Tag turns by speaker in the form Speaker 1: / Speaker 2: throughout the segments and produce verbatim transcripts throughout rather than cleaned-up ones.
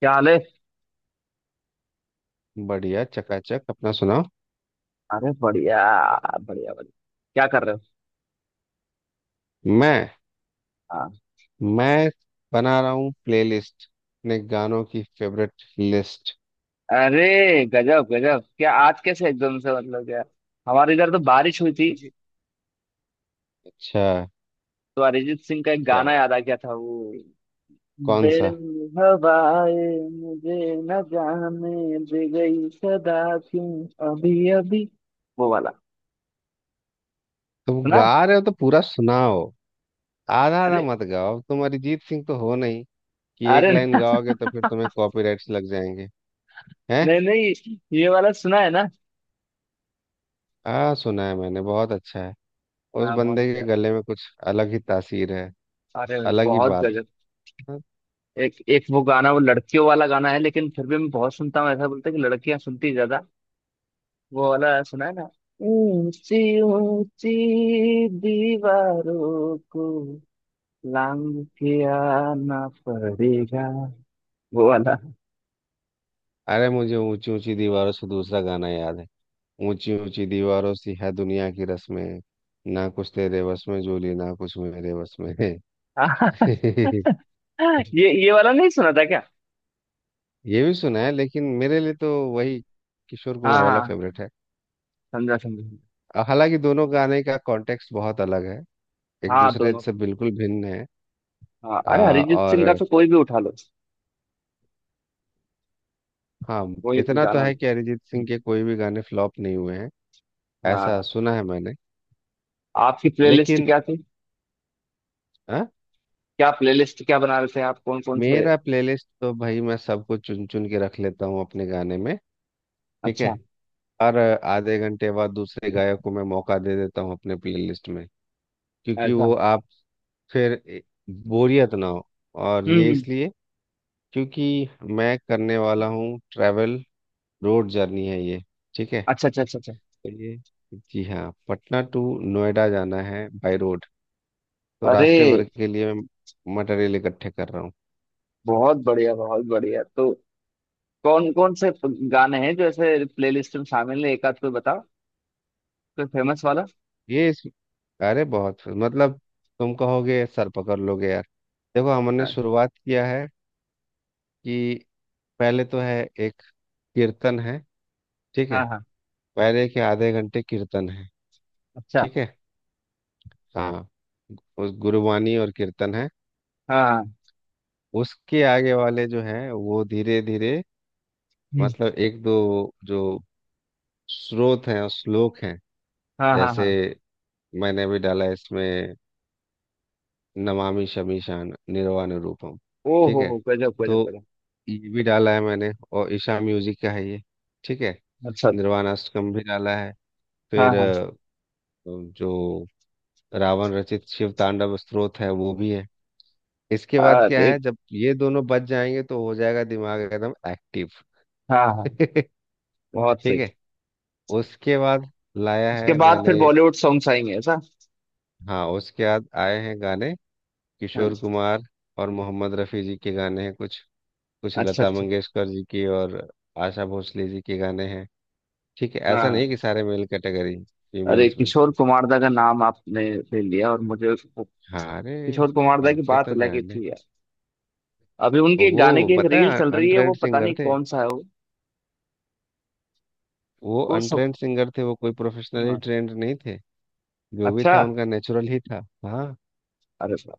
Speaker 1: क्या हाल है?
Speaker 2: बढ़िया चकाचक अपना सुनाओ।
Speaker 1: अरे, बढ़िया बढ़िया बढ़िया। क्या कर रहे हो?
Speaker 2: मैं
Speaker 1: हाँ।
Speaker 2: मैं बना रहा हूँ प्लेलिस्ट अपने गानों की फेवरेट लिस्ट।
Speaker 1: अरे, गजब गजब। क्या आज कैसे एकदम से मतलब क्या, हमारे इधर तो बारिश हुई थी
Speaker 2: क्योंकि अच्छा
Speaker 1: तो अरिजीत सिंह का एक
Speaker 2: क्या
Speaker 1: गाना
Speaker 2: बात।
Speaker 1: याद आ गया था, वो
Speaker 2: कौन सा?
Speaker 1: बेरंगी हवाएं मुझे न जाने दे गई सदा, क्यों अभी अभी, वो वाला
Speaker 2: तुम
Speaker 1: सुना
Speaker 2: गा
Speaker 1: है।
Speaker 2: रहे हो तो पूरा सुनाओ। आधा आधा
Speaker 1: अरे,
Speaker 2: मत गाओ, तुम अरिजीत सिंह तो हो नहीं कि एक
Speaker 1: अरे
Speaker 2: लाइन गाओगे तो फिर तुम्हें कॉपीराइट्स लग जाएंगे। हैं?
Speaker 1: नहीं नहीं, ये वाला सुना है ना।
Speaker 2: हाँ, सुना है मैंने, बहुत अच्छा है। उस
Speaker 1: हाँ, बहुत
Speaker 2: बंदे के
Speaker 1: प्यारा है।
Speaker 2: गले में कुछ अलग ही तासीर है।
Speaker 1: अरे,
Speaker 2: अलग ही
Speaker 1: बहुत
Speaker 2: बात
Speaker 1: गजब।
Speaker 2: है।
Speaker 1: एक एक वो गाना, वो लड़कियों वाला गाना है लेकिन फिर भी मैं बहुत सुनता हूँ। ऐसा बोलते हैं कि लड़कियां सुनती ज्यादा। वो वाला सुना है ना, ऊंची ऊंची दीवारों को लांग के आना पड़ेगा, वो वाला।
Speaker 2: अरे मुझे ऊंची ऊंची दीवारों से दूसरा गाना याद है। ऊंची ऊंची दीवारों सी है दुनिया की रस्में, ना कुछ तेरे वश में जोली, ना कुछ मेरे वश में है।
Speaker 1: ये ये वाला नहीं सुना था क्या?
Speaker 2: ये भी सुना है लेकिन मेरे लिए तो वही किशोर
Speaker 1: हाँ
Speaker 2: कुमार वाला
Speaker 1: हाँ,
Speaker 2: फेवरेट है।
Speaker 1: समझा समझा समझा।
Speaker 2: हालांकि दोनों गाने का कॉन्टेक्स्ट बहुत अलग है, एक
Speaker 1: हाँ,
Speaker 2: दूसरे
Speaker 1: दोनों का।
Speaker 2: से बिल्कुल भिन्न है।
Speaker 1: हाँ, अरे
Speaker 2: आ,
Speaker 1: अरिजीत सिंह का
Speaker 2: और,
Speaker 1: तो कोई भी उठा लो,
Speaker 2: हाँ,
Speaker 1: कोई भी
Speaker 2: इतना तो
Speaker 1: गाना लो।
Speaker 2: है कि अरिजीत सिंह के कोई भी गाने फ्लॉप नहीं हुए हैं, ऐसा
Speaker 1: हाँ।
Speaker 2: सुना है मैंने।
Speaker 1: आपकी प्लेलिस्ट
Speaker 2: लेकिन,
Speaker 1: क्या थी?
Speaker 2: हाँ,
Speaker 1: क्या प्लेलिस्ट, क्या बना रहे थे आप, कौन कौन से?
Speaker 2: मेरा प्लेलिस्ट तो भाई मैं सबको चुन चुन के रख लेता हूँ अपने गाने में। ठीक है।
Speaker 1: अच्छा।
Speaker 2: और आधे घंटे बाद दूसरे गायक को मैं मौका दे देता हूँ अपने प्लेलिस्ट में, क्योंकि
Speaker 1: ऐसा।
Speaker 2: वो आप फिर ए- बोरियत ना हो। और
Speaker 1: हम्म
Speaker 2: ये
Speaker 1: हम्म।
Speaker 2: इसलिए क्योंकि मैं करने वाला हूँ ट्रैवल। रोड जर्नी है ये। ठीक है।
Speaker 1: अच्छा अच्छा अच्छा अच्छा।
Speaker 2: तो ये, जी हाँ, पटना टू नोएडा जाना है बाय रोड। तो
Speaker 1: अरे,
Speaker 2: रास्ते भर के लिए मैं मटेरियल इकट्ठे कर रहा हूँ।
Speaker 1: बहुत बढ़िया, बहुत बढ़िया। तो कौन कौन से गाने हैं जो ऐसे प्लेलिस्ट में शामिल है, एक आध कोई बताओ, कोई फेमस वाला।
Speaker 2: ये इस, अरे बहुत मतलब, तुम कहोगे सर पकड़ लोगे यार। देखो, हमने
Speaker 1: हाँ
Speaker 2: शुरुआत किया है कि पहले तो है एक कीर्तन है। ठीक है।
Speaker 1: हाँ हाँ।
Speaker 2: पहले के आधे घंटे कीर्तन है।
Speaker 1: अच्छा।
Speaker 2: ठीक है। हाँ। उस गुरुवाणी और कीर्तन है।
Speaker 1: हाँ हाँ।
Speaker 2: उसके आगे वाले जो है वो धीरे धीरे,
Speaker 1: हम्म।
Speaker 2: मतलब एक दो जो स्रोत हैं और श्लोक हैं।
Speaker 1: हाँ हाँ
Speaker 2: जैसे
Speaker 1: हाँ।
Speaker 2: मैंने भी डाला है इसमें, नमामि शमीशान निर्वाण रूपम।
Speaker 1: ओ
Speaker 2: ठीक
Speaker 1: हो
Speaker 2: है।
Speaker 1: हो गजब
Speaker 2: तो
Speaker 1: गजब गजब।
Speaker 2: ये भी डाला है मैंने, और ईशा म्यूजिक का है ये। ठीक है।
Speaker 1: अच्छा अच्छा।
Speaker 2: निर्वाणाष्टकम भी डाला है।
Speaker 1: हाँ
Speaker 2: फिर
Speaker 1: हाँ।
Speaker 2: अ, जो रावण रचित शिव तांडव स्तोत्र है वो भी है। इसके बाद क्या
Speaker 1: अरे,
Speaker 2: है, जब ये दोनों बच जाएंगे तो हो जाएगा दिमाग एकदम एक्टिव।
Speaker 1: हाँ हाँ,
Speaker 2: ठीक
Speaker 1: बहुत सही।
Speaker 2: है। उसके बाद लाया
Speaker 1: उसके
Speaker 2: है
Speaker 1: बाद फिर
Speaker 2: मैंने।
Speaker 1: बॉलीवुड सॉन्ग्स आएंगे, ऐसा?
Speaker 2: हाँ उसके बाद आए हैं गाने
Speaker 1: हाँ।
Speaker 2: किशोर कुमार और मोहम्मद रफ़ी जी के गाने हैं कुछ, कुछ
Speaker 1: अच्छा
Speaker 2: लता
Speaker 1: अच्छा।
Speaker 2: मंगेशकर जी की, और आशा भोसले जी के गाने हैं। ठीक है,
Speaker 1: हाँ
Speaker 2: ऐसा नहीं
Speaker 1: हाँ।
Speaker 2: कि सारे मेल कैटेगरी,
Speaker 1: अरे,
Speaker 2: फीमेल्स भी।
Speaker 1: किशोर कुमार दा का नाम आपने ले लिया और मुझे
Speaker 2: हाँ, अरे
Speaker 1: किशोर कुमार दा की
Speaker 2: उनके
Speaker 1: बात
Speaker 2: तो
Speaker 1: अलग ही
Speaker 2: गाने,
Speaker 1: थी। अभी
Speaker 2: तो
Speaker 1: उनके
Speaker 2: वो
Speaker 1: गाने की एक
Speaker 2: पता
Speaker 1: रील
Speaker 2: है
Speaker 1: चल रही है, वो
Speaker 2: अनट्रेंड
Speaker 1: पता
Speaker 2: सिंगर
Speaker 1: नहीं
Speaker 2: थे।
Speaker 1: कौन सा है वो
Speaker 2: वो
Speaker 1: वो सब।
Speaker 2: अनट्रेंड सिंगर थे, वो कोई प्रोफेशनली
Speaker 1: हाँ।
Speaker 2: ट्रेंड नहीं थे। जो भी
Speaker 1: अच्छा,
Speaker 2: था उनका नेचुरल ही था। हाँ,
Speaker 1: अरे बाप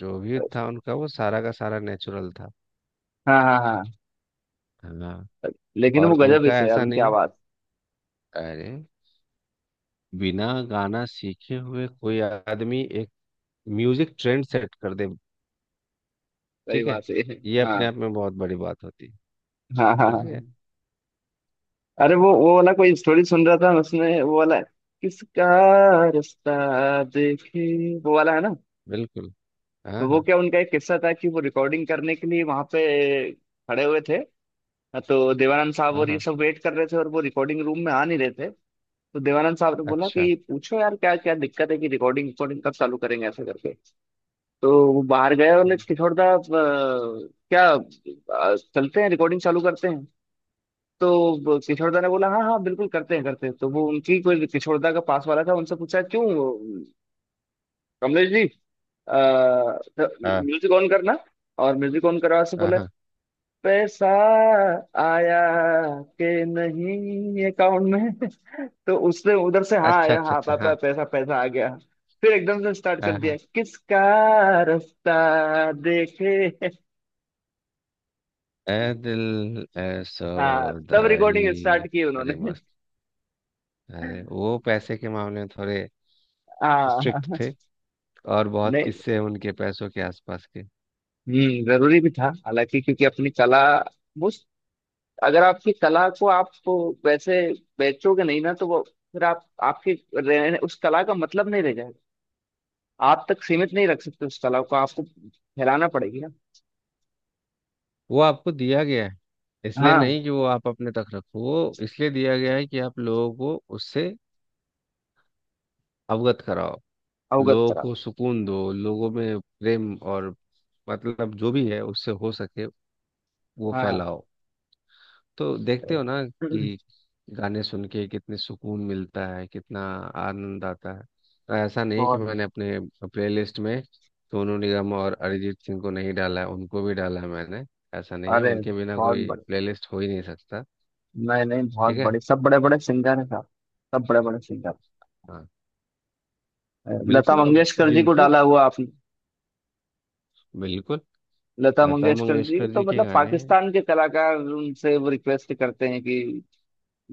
Speaker 2: जो भी
Speaker 1: रे।
Speaker 2: था उनका वो सारा का सारा नेचुरल था।
Speaker 1: हाँ हाँ हाँ,
Speaker 2: हाँ।
Speaker 1: लेकिन
Speaker 2: और
Speaker 1: वो गजब ही
Speaker 2: उनका
Speaker 1: थे यार,
Speaker 2: ऐसा
Speaker 1: उनकी
Speaker 2: नहीं,
Speaker 1: आवाज।
Speaker 2: अरे बिना गाना सीखे हुए कोई आदमी एक म्यूजिक ट्रेंड सेट कर दे।
Speaker 1: सही
Speaker 2: ठीक है।
Speaker 1: बात है।
Speaker 2: ये अपने
Speaker 1: हाँ
Speaker 2: आप में बहुत बड़ी बात होती है।
Speaker 1: हाँ हाँ
Speaker 2: समझ
Speaker 1: हाँ।
Speaker 2: गए।
Speaker 1: अरे वो वो वाला कोई स्टोरी सुन रहा था मैं, उसमें वो वाला है, किसका रास्ता देखे वो वाला है ना,
Speaker 2: बिल्कुल। हाँ
Speaker 1: तो वो
Speaker 2: हाँ
Speaker 1: क्या उनका एक किस्सा था कि वो रिकॉर्डिंग करने के लिए वहां पे खड़े हुए थे। हाँ, तो देवानंद साहब
Speaker 2: हाँ
Speaker 1: और ये
Speaker 2: हाँ।
Speaker 1: सब वेट कर रहे थे और वो रिकॉर्डिंग रूम में आ नहीं रहे थे। तो देवानंद साहब ने बोला
Speaker 2: अच्छा।
Speaker 1: कि पूछो यार, क्या क्या दिक्कत है, कि रिकॉर्डिंग रिकॉर्डिंग कब चालू करेंगे, ऐसा करके। तो वो बाहर गए और बोले,
Speaker 2: हम्म,
Speaker 1: किशोर दा, अ, क्या, अ, चलते हैं, रिकॉर्डिंग चालू करते हैं। तो किशोर दा ने बोला, हाँ हाँ, बिल्कुल करते हैं करते हैं। तो वो उनकी कोई, किशोर दा का पास वाला था, उनसे पूछा, क्यों कमलेश जी,
Speaker 2: हाँ
Speaker 1: म्यूजिक ऑन करना। और म्यूजिक ऑन करवा से
Speaker 2: हाँ
Speaker 1: बोला,
Speaker 2: हाँ।
Speaker 1: पैसा आया के नहीं अकाउंट में। तो उसने उधर से, हाँ
Speaker 2: अच्छा
Speaker 1: आया,
Speaker 2: अच्छा
Speaker 1: हाँ
Speaker 2: अच्छा।
Speaker 1: पापा,
Speaker 2: हाँ
Speaker 1: पैसा पैसा आ गया। फिर एकदम से स्टार्ट कर
Speaker 2: हाँ
Speaker 1: दिया,
Speaker 2: हाँ।
Speaker 1: किसका रास्ता देखे।
Speaker 2: ए दिल, ए
Speaker 1: हाँ, तब
Speaker 2: सौदाई।
Speaker 1: रिकॉर्डिंग स्टार्ट की
Speaker 2: बड़े
Speaker 1: उन्होंने।
Speaker 2: मस्त, अरे वो पैसे के मामले में थोड़े
Speaker 1: हाँ
Speaker 2: स्ट्रिक्ट
Speaker 1: हाँ।
Speaker 2: थे। और बहुत
Speaker 1: नहीं,
Speaker 2: किस्से हैं उनके पैसों के आसपास के।
Speaker 1: हम्म, जरूरी भी था हालांकि, क्योंकि अपनी कला वो, अगर आपकी कला को आप वैसे बेचोगे नहीं ना तो वो, फिर आप आपके रहने उस कला का मतलब नहीं रह जाएगा। आप तक सीमित नहीं रख सकते उस कला को, आपको फैलाना पड़ेगी ना।
Speaker 2: वो आपको दिया गया है, इसलिए
Speaker 1: हाँ,
Speaker 2: नहीं कि वो आप अपने तक रखो। वो इसलिए दिया गया है कि आप लोगों को उससे अवगत कराओ।
Speaker 1: अवगत
Speaker 2: लोगों
Speaker 1: करा।
Speaker 2: को सुकून दो, लोगों में प्रेम, और मतलब जो भी है उससे हो सके वो
Speaker 1: हाँ,
Speaker 2: फैलाओ। तो देखते हो ना कि गाने सुन के कितने सुकून मिलता है, कितना आनंद आता है। और ऐसा नहीं कि
Speaker 1: बहुत।
Speaker 2: मैंने अपने प्लेलिस्ट में सोनू निगम और अरिजीत सिंह को नहीं डाला है, उनको भी डाला है मैंने। ऐसा नहीं है
Speaker 1: अरे,
Speaker 2: उनके बिना
Speaker 1: बहुत
Speaker 2: कोई
Speaker 1: बड़े,
Speaker 2: प्लेलिस्ट हो ही नहीं सकता।
Speaker 1: नहीं नहीं, बहुत
Speaker 2: ठीक है।
Speaker 1: बड़े, सब बड़े बड़े सिंगर हैं साहब, सब बड़े बड़े सिंगर।
Speaker 2: हाँ
Speaker 1: लता
Speaker 2: बिल्कुल अब
Speaker 1: मंगेशकर जी को
Speaker 2: जिनको,
Speaker 1: डाला हुआ आपने?
Speaker 2: बिल्कुल।
Speaker 1: लता
Speaker 2: लता
Speaker 1: मंगेशकर जी
Speaker 2: मंगेशकर
Speaker 1: तो
Speaker 2: जी के
Speaker 1: मतलब
Speaker 2: गाने हैं।
Speaker 1: पाकिस्तान के कलाकार उनसे वो रिक्वेस्ट करते हैं कि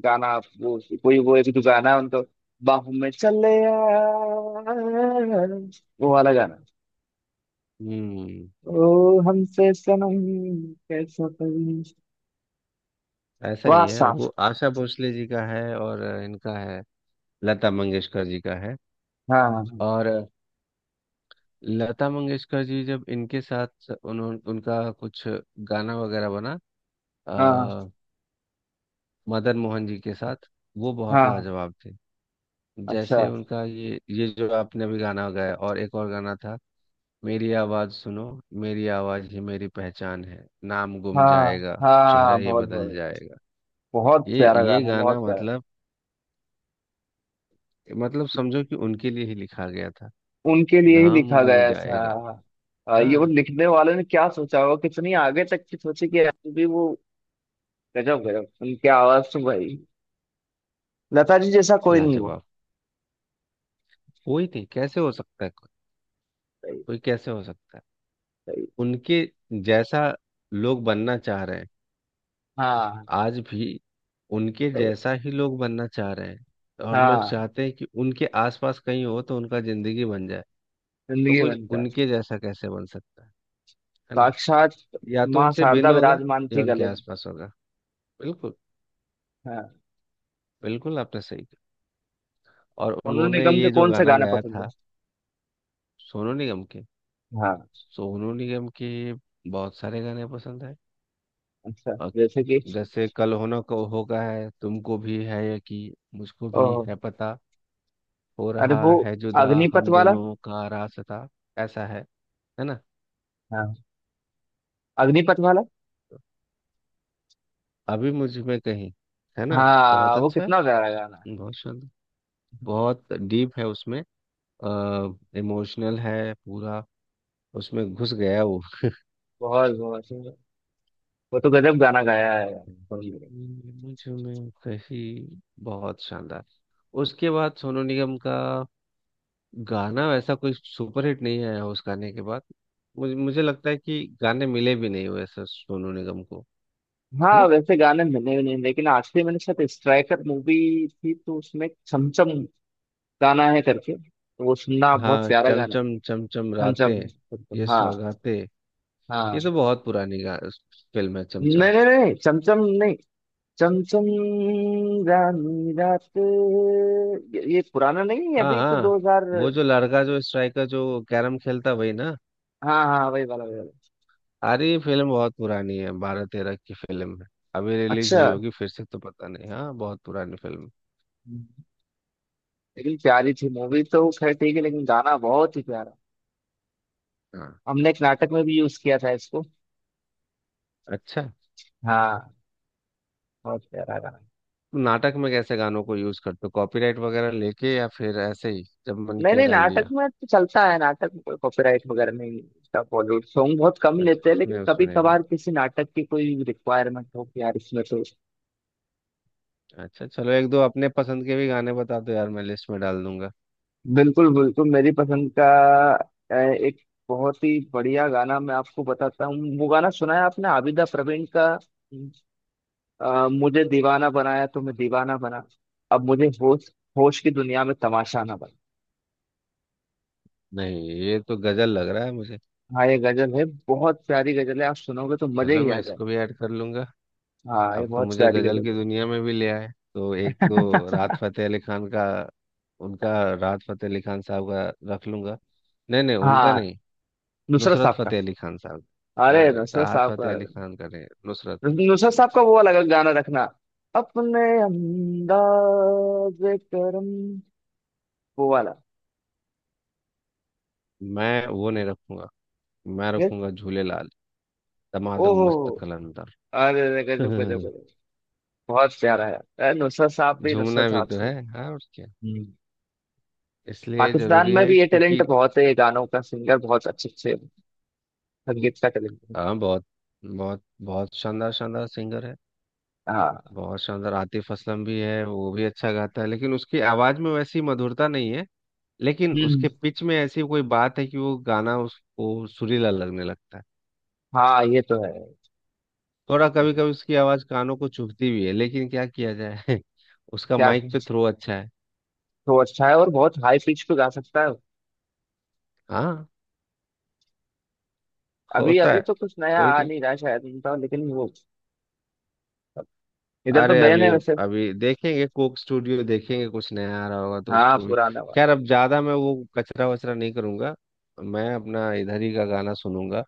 Speaker 1: गाना आप, वो कोई वो एक जो गाना है उनको, बाहों में चले आ, वो वाला गाना।
Speaker 2: हम्म।
Speaker 1: ओ हमसे सनम कैसा करूँ।
Speaker 2: ऐसा
Speaker 1: वाह
Speaker 2: ही है,
Speaker 1: साहब।
Speaker 2: वो आशा भोसले जी का है और इनका है, लता मंगेशकर जी का है।
Speaker 1: हाँ
Speaker 2: और लता मंगेशकर जी जब इनके साथ उन्होंने उनका कुछ गाना वगैरह बना,
Speaker 1: हाँ
Speaker 2: आ, मदन मोहन जी के साथ। वो बहुत
Speaker 1: हाँ।
Speaker 2: लाजवाब थे।
Speaker 1: अच्छा।
Speaker 2: जैसे उनका ये ये जो आपने अभी गाना गाया, और एक और गाना था, मेरी आवाज सुनो, मेरी आवाज ही मेरी पहचान है, नाम गुम
Speaker 1: हाँ
Speaker 2: जाएगा, चेहरा
Speaker 1: हाँ।
Speaker 2: ये
Speaker 1: बहुत
Speaker 2: बदल
Speaker 1: बहुत,
Speaker 2: जाएगा।
Speaker 1: बहुत
Speaker 2: ये
Speaker 1: प्यारा
Speaker 2: ये
Speaker 1: गाना,
Speaker 2: गाना
Speaker 1: बहुत प्यारा।
Speaker 2: मतलब, मतलब समझो कि उनके लिए ही लिखा गया था।
Speaker 1: उनके लिए ही
Speaker 2: नाम
Speaker 1: लिखा
Speaker 2: गुम
Speaker 1: गया था।
Speaker 2: जाएगा।
Speaker 1: आ, ये वो
Speaker 2: हाँ
Speaker 1: लिखने वाले ने क्या सोचा होगा, कितनी आगे तक की सोची कि यार भी वो, गजब गजब। उनकी आवाज तो भाई, लता जी जैसा कोई नहीं हुआ।
Speaker 2: लाजवाब। कोई नहीं, कैसे हो सकता है कोई?
Speaker 1: सही।
Speaker 2: कोई कैसे हो सकता है?
Speaker 1: सही।
Speaker 2: उनके जैसा लोग बनना चाह रहे हैं,
Speaker 1: हाँ।
Speaker 2: आज भी। उनके
Speaker 1: सही।
Speaker 2: जैसा ही लोग बनना चाह रहे हैं। और लोग
Speaker 1: हाँ,
Speaker 2: चाहते हैं कि उनके आसपास कहीं हो तो उनका जिंदगी बन जाए। तो
Speaker 1: जिंदगी
Speaker 2: कोई
Speaker 1: बनता है।
Speaker 2: उनके जैसा कैसे बन सकता है है ना?
Speaker 1: साक्षात
Speaker 2: या तो
Speaker 1: माँ
Speaker 2: उनसे
Speaker 1: शारदा
Speaker 2: भिन्न होगा,
Speaker 1: विराजमान
Speaker 2: या
Speaker 1: थी
Speaker 2: उनके
Speaker 1: गले में।
Speaker 2: आसपास होगा। बिल्कुल।
Speaker 1: हाँ।
Speaker 2: बिल्कुल आपने सही कहा। और
Speaker 1: सोनू
Speaker 2: उन्होंने
Speaker 1: निगम के
Speaker 2: ये जो
Speaker 1: कौन से
Speaker 2: गाना
Speaker 1: गाने
Speaker 2: गाया
Speaker 1: पसंद है?
Speaker 2: था। सोनू निगम के,
Speaker 1: हाँ।
Speaker 2: सोनू निगम के बहुत सारे गाने पसंद है।
Speaker 1: अच्छा
Speaker 2: अ,
Speaker 1: जैसे कि।
Speaker 2: जैसे कल होना को होगा, है तुमको भी है यकीन, मुझको भी
Speaker 1: ओह,
Speaker 2: है पता, हो
Speaker 1: अरे
Speaker 2: रहा
Speaker 1: वो
Speaker 2: है जुदा
Speaker 1: अग्निपथ
Speaker 2: हम
Speaker 1: वाला।
Speaker 2: दोनों का रास्ता। ऐसा है है ना।
Speaker 1: हाँ, अग्निपथ वाला।
Speaker 2: अभी मुझ में कहीं, है ना।
Speaker 1: हाँ,
Speaker 2: बहुत
Speaker 1: वो
Speaker 2: अच्छा है।
Speaker 1: कितना प्यारा गाना है,
Speaker 2: बहुत शानदार। बहुत डीप है उसमें, इमोशनल है पूरा। उसमें घुस गया वो।
Speaker 1: बहुत बहुत सुंदर। वो तो गजब गाना गाया है सोनू निगम।
Speaker 2: मुझ में कहीं, बहुत शानदार। उसके बाद सोनू निगम का गाना वैसा कोई सुपरहिट नहीं आया उस गाने के बाद। मुझे मुझे लगता है कि गाने मिले भी नहीं वैसे सोनू निगम को, है
Speaker 1: हाँ,
Speaker 2: ना।
Speaker 1: वैसे गाने मिले भी नहीं, लेकिन आखिरी मैंने शायद स्ट्राइकर मूवी थी, तो उसमें छमछम गाना है करके, तो वो सुनना, बहुत
Speaker 2: हाँ
Speaker 1: प्यारा
Speaker 2: चम
Speaker 1: गाना है।
Speaker 2: चम चम चम
Speaker 1: छमछम
Speaker 2: रातें, ये
Speaker 1: छमछम, हाँ।
Speaker 2: सौगातें।
Speaker 1: हाँ,
Speaker 2: ये तो बहुत पुरानी गा फिल्म है, चम
Speaker 1: नहीं
Speaker 2: चम।
Speaker 1: नहीं नहीं, चमचम नहीं, चमचम रानी रात ये, ये पुराना नहीं है,
Speaker 2: हाँ
Speaker 1: अभी तो
Speaker 2: हाँ, वो
Speaker 1: दो हज़ार।
Speaker 2: जो लड़का जो स्ट्राइकर जो कैरम खेलता वही ना।
Speaker 1: हाँ हाँ, वही वाला वही वाला।
Speaker 2: अरे ये फिल्म बहुत पुरानी है, बारह तेरह की फिल्म है। अभी रिलीज
Speaker 1: अच्छा,
Speaker 2: हुई होगी फिर से तो पता नहीं। हाँ बहुत पुरानी फिल्म
Speaker 1: लेकिन प्यारी थी मूवी, तो खैर ठीक है, लेकिन गाना बहुत ही प्यारा।
Speaker 2: है। हाँ
Speaker 1: हमने एक नाटक में भी यूज किया था इसको।
Speaker 2: अच्छा।
Speaker 1: हाँ, बहुत प्यारा गाना।
Speaker 2: नाटक में कैसे गानों को यूज करते हो? कॉपीराइट वगैरह लेके, या फिर ऐसे ही जब मन
Speaker 1: नहीं
Speaker 2: किया
Speaker 1: नहीं,
Speaker 2: डाल
Speaker 1: नाटक
Speaker 2: दिया?
Speaker 1: में तो चलता है, नाटक में कोई कॉपीराइट वगैरह नहीं। इसका बॉलीवुड सॉन्ग बहुत कम
Speaker 2: अच्छा
Speaker 1: लेते हैं,
Speaker 2: उसमें
Speaker 1: लेकिन
Speaker 2: उसमें
Speaker 1: कभी
Speaker 2: नहीं
Speaker 1: कभार
Speaker 2: रहता।
Speaker 1: किसी नाटक की कोई रिक्वायरमेंट हो कि यार इसमें तो।
Speaker 2: अच्छा चलो एक दो अपने पसंद के भी गाने बता दो यार, मैं लिस्ट में डाल दूंगा।
Speaker 1: बिल्कुल बिल्कुल, मेरी पसंद का, अ, एक बहुत ही बढ़िया गाना मैं आपको बताता हूँ, वो गाना सुना है आपने आबिदा प्रवीण का, अ, मुझे दीवाना बनाया तो मैं दीवाना बना, अब मुझे होश, होश की दुनिया में तमाशा ना बना।
Speaker 2: नहीं, ये तो गजल लग रहा है मुझे।
Speaker 1: हाँ, ये गजल है, बहुत प्यारी गजल है, आप सुनोगे तो मजे
Speaker 2: चलो
Speaker 1: ही
Speaker 2: मैं
Speaker 1: आ जाए।
Speaker 2: इसको भी ऐड कर लूंगा।
Speaker 1: हाँ, ये
Speaker 2: अब तो
Speaker 1: बहुत
Speaker 2: मुझे
Speaker 1: प्यारी
Speaker 2: गजल की
Speaker 1: गजल
Speaker 2: दुनिया में भी ले आए। तो एक दो
Speaker 1: है।
Speaker 2: राहत फतेह अली खान का। उनका राहत फतेह अली खान साहब का रख लूंगा। नहीं नहीं उनका
Speaker 1: हाँ,
Speaker 2: नहीं,
Speaker 1: नुसरत
Speaker 2: नुसरत
Speaker 1: साहब का।
Speaker 2: फतेह अली खान साहब।
Speaker 1: अरे,
Speaker 2: अरे
Speaker 1: नुसरत
Speaker 2: राहत
Speaker 1: साहब का।
Speaker 2: फतेह अली खान का नहीं, नुसरत
Speaker 1: नुसरत
Speaker 2: फतेह अली
Speaker 1: साहब का
Speaker 2: खान।
Speaker 1: वो अलग गाना रखना, अपने अंदाज करम, वो वाला।
Speaker 2: मैं वो नहीं रखूंगा, मैं रखूंगा झूले लाल, दमादम
Speaker 1: ओहो,
Speaker 2: मस्त कलंदर।
Speaker 1: अरे अरे, गजब गजब गजब। बहुत प्यारा है, अरे नुसरत साहब भी,
Speaker 2: झूमना
Speaker 1: नुसरत
Speaker 2: भी
Speaker 1: साहब
Speaker 2: तो
Speaker 1: से।
Speaker 2: है, हाँ और क्या।
Speaker 1: हम्म।
Speaker 2: इसलिए
Speaker 1: पाकिस्तान
Speaker 2: जरूरी
Speaker 1: में
Speaker 2: है
Speaker 1: भी ये टैलेंट
Speaker 2: क्योंकि।
Speaker 1: बहुत है, ये गानों का सिंगर बहुत अच्छे अच्छे, संगीत का टैलेंट है।
Speaker 2: हाँ बहुत, बहुत बहुत शानदार शानदार सिंगर है।
Speaker 1: हाँ।
Speaker 2: बहुत शानदार। आतिफ असलम भी है, वो भी अच्छा गाता है, लेकिन उसकी आवाज में वैसी मधुरता नहीं है। लेकिन
Speaker 1: हम्म,
Speaker 2: उसके पिच में ऐसी कोई बात है कि वो गाना उसको सुरीला लगने लगता है।
Speaker 1: हाँ ये तो है।
Speaker 2: थोड़ा कभी कभी उसकी आवाज कानों को चुभती भी है, लेकिन क्या किया जाए। उसका
Speaker 1: क्या,
Speaker 2: माइक पे थ्रो अच्छा है।
Speaker 1: तो अच्छा है, और बहुत हाई पिच पे गा सकता है।
Speaker 2: हाँ
Speaker 1: अभी
Speaker 2: होता है।
Speaker 1: अभी तो कुछ नया
Speaker 2: कोई
Speaker 1: आ
Speaker 2: नहीं।
Speaker 1: नहीं रहा शायद उनका, लेकिन वो इधर तो
Speaker 2: अरे
Speaker 1: बैन
Speaker 2: अभी,
Speaker 1: है वैसे।
Speaker 2: अभी देखेंगे कोक स्टूडियो, देखेंगे कुछ नया आ रहा होगा तो
Speaker 1: हाँ,
Speaker 2: उसको भी।
Speaker 1: पुराना
Speaker 2: खैर
Speaker 1: वाला।
Speaker 2: अब ज्यादा मैं वो कचरा वचरा नहीं करूंगा, मैं अपना इधर ही का गाना सुनूंगा।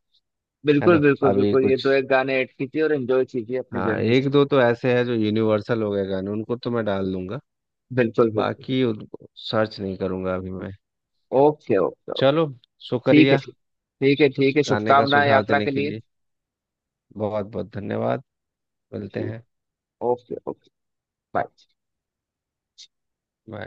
Speaker 2: है
Speaker 1: बिल्कुल
Speaker 2: ना।
Speaker 1: बिल्कुल
Speaker 2: अभी
Speaker 1: बिल्कुल, ये
Speaker 2: कुछ,
Speaker 1: तो एक गाने ऐड कीजिए और एंजॉय कीजिए अपनी
Speaker 2: हाँ
Speaker 1: जर्नी।
Speaker 2: एक दो तो ऐसे हैं जो यूनिवर्सल हो गए गाने, उनको तो मैं डाल दूंगा।
Speaker 1: बिल्कुल बिल्कुल।
Speaker 2: बाकी उनको सर्च नहीं करूंगा अभी मैं।
Speaker 1: Okay okay.
Speaker 2: चलो,
Speaker 1: ठीक है,
Speaker 2: शुक्रिया।
Speaker 1: ठीक। ठीक है, ठीक है,
Speaker 2: गाने का
Speaker 1: शुभकामनाएं
Speaker 2: सुझाव
Speaker 1: यात्रा
Speaker 2: देने
Speaker 1: के
Speaker 2: के
Speaker 1: लिए।
Speaker 2: लिए बहुत बहुत धन्यवाद। मिलते
Speaker 1: ठीक।
Speaker 2: हैं।
Speaker 1: Okay okay. बाय।
Speaker 2: Bye.